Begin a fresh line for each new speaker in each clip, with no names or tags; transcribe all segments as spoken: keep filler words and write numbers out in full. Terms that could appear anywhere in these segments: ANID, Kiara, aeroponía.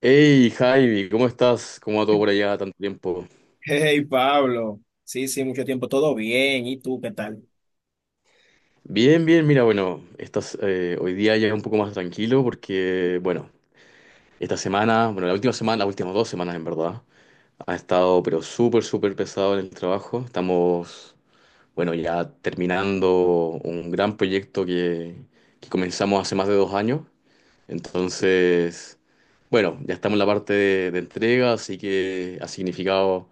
Hey Javi, ¿cómo estás? ¿Cómo va todo por allá tanto tiempo?
Hey, Pablo. Sí, sí, mucho tiempo. Todo bien. ¿Y tú qué tal?
Bien, bien, mira, bueno, estás, eh, hoy día ya un poco más tranquilo porque, bueno, esta semana, bueno, la última semana, las últimas dos semanas en verdad, ha estado pero súper, súper pesado en el trabajo. Estamos, bueno, ya terminando un gran proyecto que, que comenzamos hace más de dos años. Entonces, bueno, ya estamos en la parte de, de entrega, así que ha significado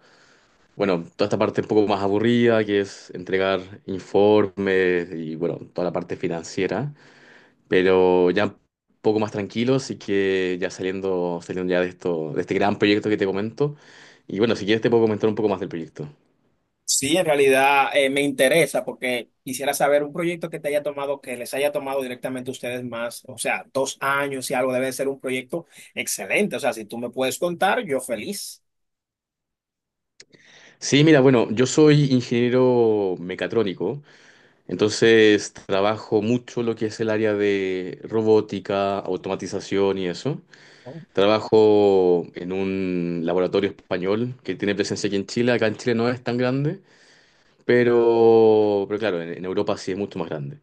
bueno, toda esta parte un poco más aburrida, que es entregar informes y bueno, toda la parte financiera, pero ya un poco más tranquilos y que ya saliendo, saliendo ya de esto, de este gran proyecto que te comento. Y bueno, si quieres te puedo comentar un poco más del proyecto.
Sí, en realidad eh, me interesa porque quisiera saber un proyecto que te haya tomado, que les haya tomado directamente a ustedes más, o sea, dos años y algo, debe ser un proyecto excelente. O sea, si tú me puedes contar, yo feliz.
Sí, mira, bueno, yo soy ingeniero mecatrónico, entonces trabajo mucho lo que es el área de robótica, automatización y eso.
Oh,
Trabajo en un laboratorio español que tiene presencia aquí en Chile. Acá en Chile no es tan grande, pero, pero claro, en, en Europa sí es mucho más grande.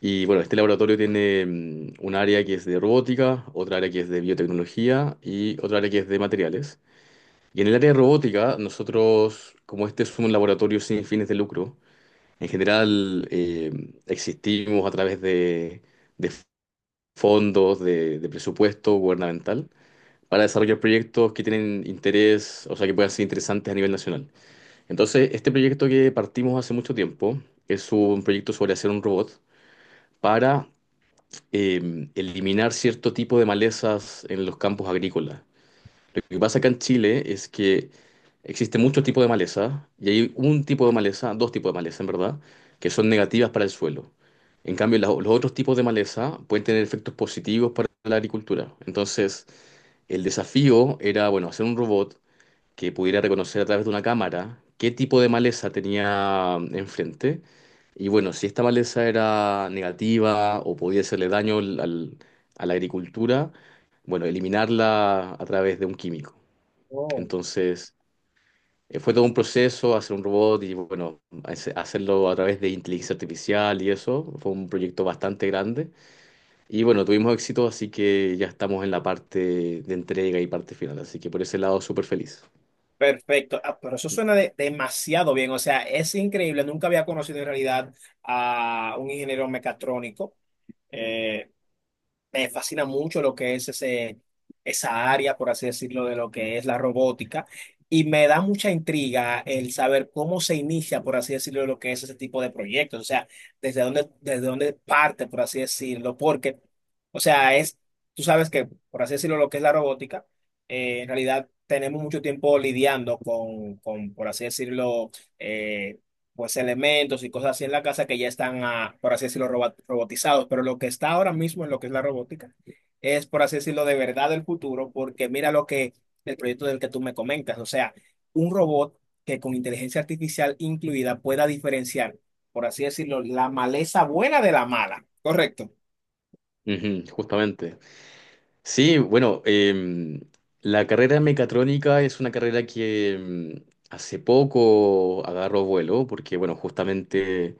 Y bueno, este laboratorio tiene mm, un área que es de robótica, otra área que es de biotecnología y otra área que es de materiales. Y en el área de robótica, nosotros, como este es un laboratorio sin fines de lucro, en general eh, existimos a través de, de fondos, de, de presupuesto gubernamental para desarrollar proyectos que tienen interés, o sea, que puedan ser interesantes a nivel nacional. Entonces, este proyecto que partimos hace mucho tiempo es un proyecto sobre hacer un robot para eh, eliminar cierto tipo de malezas en los campos agrícolas. Lo que pasa acá en Chile es que existe muchos tipos de maleza y hay un tipo de maleza, dos tipos de maleza en verdad, que son negativas para el suelo. En cambio, la- los otros tipos de maleza pueden tener efectos positivos para la agricultura. Entonces, el desafío era, bueno, hacer un robot que pudiera reconocer a través de una cámara qué tipo de maleza tenía enfrente. Y bueno, si esta maleza era negativa o podía hacerle daño al- al- a la agricultura, bueno, eliminarla a través de un químico.
oh.
Entonces, eh, fue todo un proceso hacer un robot y bueno, hace- hacerlo a través de inteligencia artificial y eso. Fue un proyecto bastante grande. Y bueno, tuvimos éxito, así que ya estamos en la parte de entrega y parte final. Así que por ese lado, súper feliz.
Perfecto. Ah, pero eso suena de- demasiado bien. O sea, es increíble. Nunca había conocido en realidad a un ingeniero mecatrónico. eh, Me fascina mucho lo que es ese, esa área, por así decirlo, de lo que es la robótica. Y me da mucha intriga el saber cómo se inicia, por así decirlo, lo que es ese tipo de proyectos. O sea, desde dónde, desde dónde parte, por así decirlo. Porque, o sea, es, tú sabes que, por así decirlo, lo que es la robótica, eh, en realidad tenemos mucho tiempo lidiando con, con, por así decirlo, eh, pues elementos y cosas así en la casa que ya están, ah, por así decirlo, roba- robotizados. Pero lo que está ahora mismo en lo que es la robótica es, por así decirlo, de verdad el futuro, porque mira lo que el proyecto del que tú me comentas, o sea, un robot que con inteligencia artificial incluida pueda diferenciar, por así decirlo, la maleza buena de la mala. Correcto.
Ujú, justamente. Sí, bueno, em, la carrera de mecatrónica es una carrera que em, hace poco agarró vuelo, porque bueno, justamente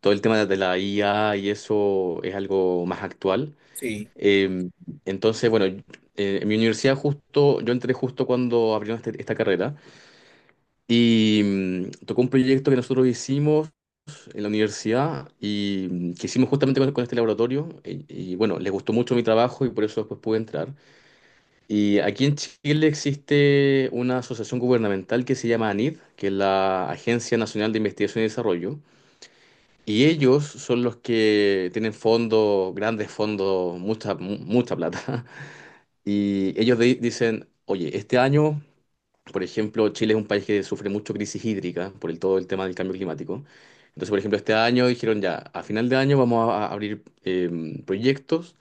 todo el tema de la I A y eso es algo más actual.
Sí,
Em, entonces, bueno, eh, en mi universidad justo, yo entré justo cuando abrieron este- esta carrera y mm, tocó un proyecto que nosotros hicimos en la universidad y mm, que hicimos justamente con, con este laboratorio y, y, bueno, les gustó mucho mi trabajo y por eso después pude entrar. Y aquí en Chile existe una asociación gubernamental que se llama ANID, que es la Agencia Nacional de Investigación y Desarrollo, y ellos son los que tienen fondos, grandes fondos, mucha, mu- mucha plata, y ellos di- dicen, oye, este año por ejemplo, Chile es un país que sufre mucho crisis hídrica por el, todo el tema del cambio climático. Entonces, por ejemplo, este año dijeron ya, a final de año vamos a, a abrir eh, proyectos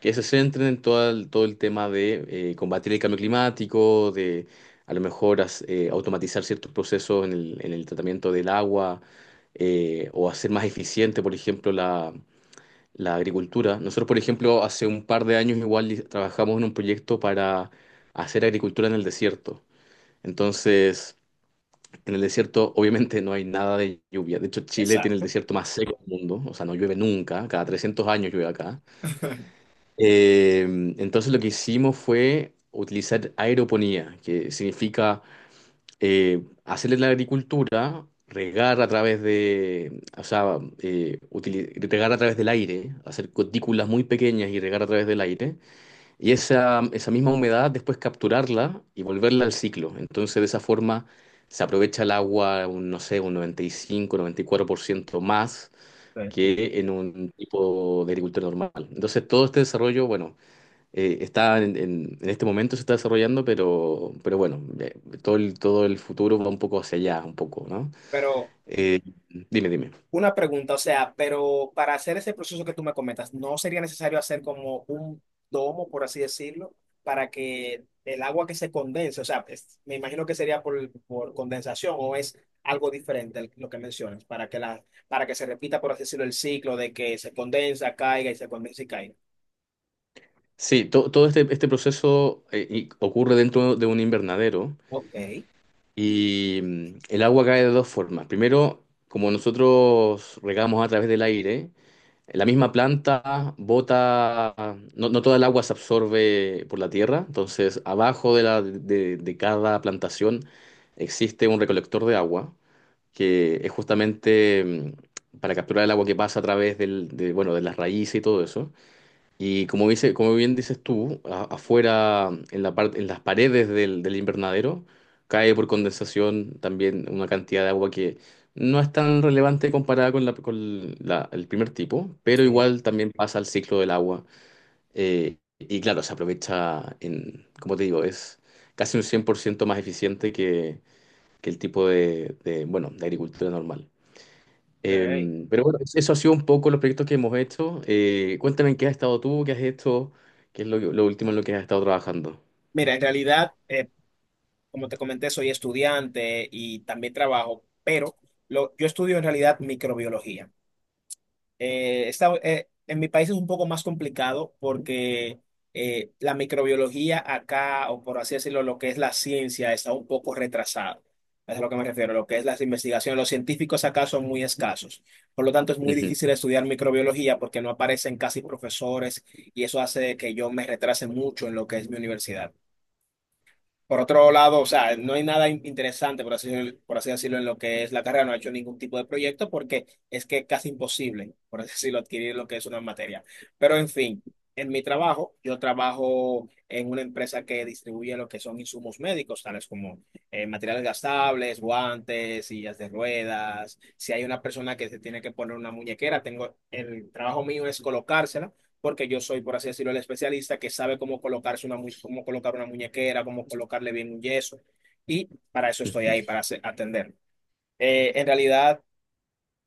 que se centren en todo el, todo el tema de eh, combatir el cambio climático, de a lo mejor as- eh, automatizar ciertos procesos en el, en el tratamiento del agua eh, o hacer más eficiente, por ejemplo, la, la agricultura. Nosotros, por ejemplo, hace un par de años igual trabajamos en un proyecto para hacer agricultura en el desierto. Entonces, en el desierto obviamente no hay nada de lluvia. De hecho, Chile tiene el
exacto.
desierto más seco del mundo, o sea, no llueve nunca, cada trescientos años llueve acá. Eh, entonces lo que hicimos fue utilizar aeroponía, que significa eh, hacerle la agricultura, regar a través de, o sea, eh, utili- regar a través del aire, hacer cutículas muy pequeñas y regar a través del aire. Y esa, esa misma humedad después capturarla y volverla al ciclo. Entonces de esa forma se aprovecha el agua, un, no sé, un noventa noventa y y cinco noventa y cuatro por ciento más
Sí.
que en un tipo de agricultura normal. Entonces todo este desarrollo, bueno, eh, está en, en- en este momento se está desarrollando, pero, pero bueno, eh, todo el, todo el futuro va un poco hacia allá, un poco, ¿no?
Pero
Eh, dime, dime.
una pregunta, o sea, pero para hacer ese proceso que tú me comentas, ¿no sería necesario hacer como un domo, por así decirlo, para que el agua que se condense, o sea, es- me imagino que sería por, por condensación o es algo diferente el- lo que mencionas, para que la, para que se repita, por así decirlo, el ciclo de que se condensa, caiga y se condensa y caiga.
Sí, to- todo este, este proceso eh, y- ocurre dentro de un invernadero.
Ok,
Y mm, el agua cae de dos formas. Primero, como nosotros regamos a través del aire, la misma planta bota, no, no toda el agua se absorbe por la tierra, entonces abajo de, la, de, de cada plantación existe un recolector de agua, que es justamente mm, para capturar el agua que pasa a través del, de, bueno, de las raíces y todo eso. Y como dice, como bien dices tú, a- afuera, en la parte, en las paredes del, del invernadero, cae por condensación también una cantidad de agua que no es tan relevante comparada con la, con la- el primer tipo, pero
sí.
igual también pasa al ciclo del agua. Eh, y claro, se aprovecha en, como te digo, es casi un cien por ciento más eficiente que, que el tipo de, de, bueno, de agricultura normal.
Ok.
Eh, pero bueno, es- eso ha sido un poco los proyectos que hemos hecho. Eh, cuéntame en qué has estado tú, qué has hecho, qué es lo, lo último en lo que has estado trabajando.
Mira, en realidad, eh, como te comenté, soy estudiante y también trabajo, pero lo, yo estudio en realidad microbiología. Eh, esta- eh, en mi país es un poco más complicado porque eh, la microbiología acá, o por así decirlo, lo que es la ciencia, está un poco retrasada. Es a lo que me refiero, lo que es las investigaciones. Los científicos acá son muy escasos. Por lo tanto, es muy
Ujú,
difícil estudiar microbiología porque no aparecen casi profesores y eso hace que yo me retrase mucho en lo que es mi universidad. Por otro lado, o sea, no hay nada in- interesante, por así, por así decirlo, en lo que es la carrera, no ha hecho ningún tipo de proyecto porque es que es casi imposible, por así decirlo, adquirir lo que es una materia. Pero en fin, en mi trabajo, yo trabajo en una empresa que distribuye lo que son insumos médicos, tales como eh, materiales gastables, guantes, sillas de ruedas. Si hay una persona que se tiene que poner una muñequera, tengo, el trabajo mío es colocársela porque yo soy, por así decirlo, el especialista que sabe cómo colocarse una, mu- cómo colocar una muñequera, cómo colocarle bien un yeso. Y para eso estoy
ujú,
ahí, para hacer- atender. Eh, en realidad,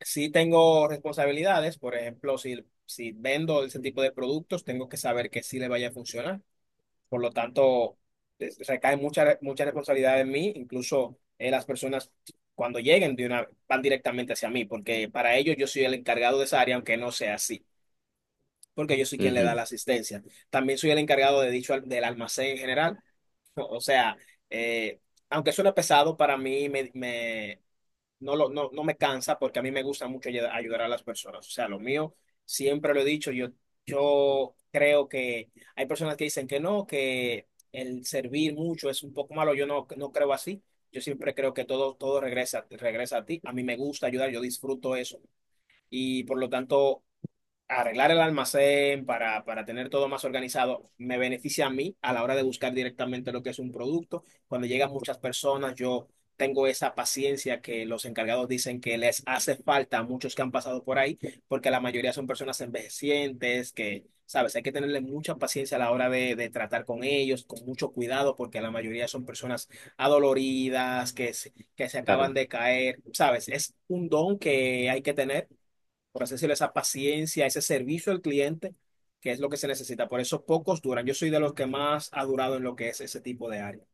sí tengo responsabilidades. Por ejemplo, si, si vendo ese tipo de productos, tengo que saber que sí le vaya a funcionar. Por lo tanto, es- recae mucha, mucha responsabilidad en mí. Incluso eh, las personas, cuando lleguen, de una, van directamente hacia mí, porque para ellos yo soy el encargado de esa área, aunque no sea así porque yo soy quien le da
ujú.
la asistencia. También soy el encargado de dicho al- del almacén en general. O sea, eh, aunque suene pesado, para mí me, me- no, lo, no, no me cansa porque a mí me gusta mucho ayud- ayudar a las personas. O sea, lo mío, siempre lo he dicho, yo, yo creo que hay personas que dicen que no, que el servir mucho es un poco malo. Yo no, no creo así. Yo siempre creo que todo, todo regresa, regresa a ti. A mí me gusta ayudar, yo disfruto eso. Y por lo tanto arreglar el almacén para, para tener todo más organizado, me beneficia a mí a la hora de buscar directamente lo que es un producto. Cuando llegan muchas personas, yo tengo esa paciencia que los encargados dicen que les hace falta a muchos que han pasado por ahí, porque la mayoría son personas envejecientes, que, sabes, hay que tenerle mucha paciencia a la hora de, de tratar con ellos, con mucho cuidado, porque la mayoría son personas adoloridas, que, se- que se acaban
Claro.
de caer, sabes, es un don que hay que tener por así decirlo, esa paciencia, ese servicio al cliente, que es lo que se necesita. Por eso pocos duran. Yo soy de los que más ha durado en lo que es ese tipo de área.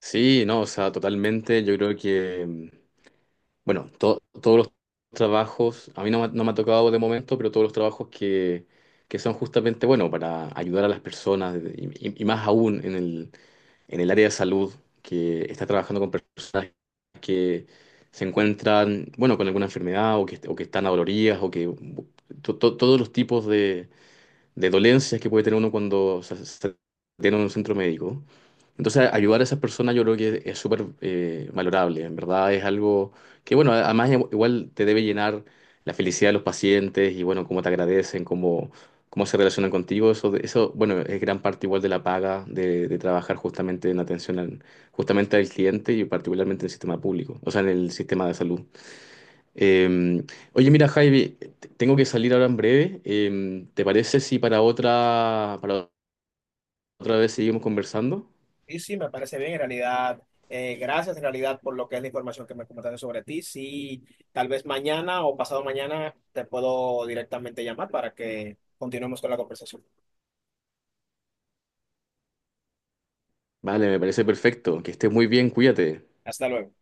Sí, no, o sea, totalmente. Yo creo que, mm, bueno, to- todos los trabajos, a mí no, me ha no me ha tocado de momento, pero todos los trabajos que, que son justamente, bueno, para ayudar a las personas y, y- y más aún en el, en el área de salud, que está trabajando con personas que se encuentran, bueno, con alguna enfermedad o que, o que están adoloridas o que to- to- todos los tipos de, de dolencias que puede tener uno cuando se, se tiene un centro médico. Entonces, ayudar a esas personas yo creo que es súper eh, valorable, en verdad es algo que, bueno, además igual te debe llenar la felicidad de los pacientes y, bueno, cómo te agradecen, cómo, cómo se relacionan contigo, eso, eso, bueno, es gran parte igual de la paga de, de trabajar justamente en atención al, justamente al cliente y particularmente en el sistema público, o sea, en el sistema de salud. Eh, oye, mira, Javi, te- tengo que salir ahora en breve. Eh, ¿te parece si para otra, para otra vez seguimos conversando?
Y sí, me parece bien, en realidad. Eh, gracias, en realidad, por lo que es la información que me comentaste sobre ti. Sí, tal vez mañana o pasado mañana te puedo directamente llamar para que continuemos con la conversación.
Vale, me parece perfecto. Que estés muy bien, cuídate.
Hasta luego.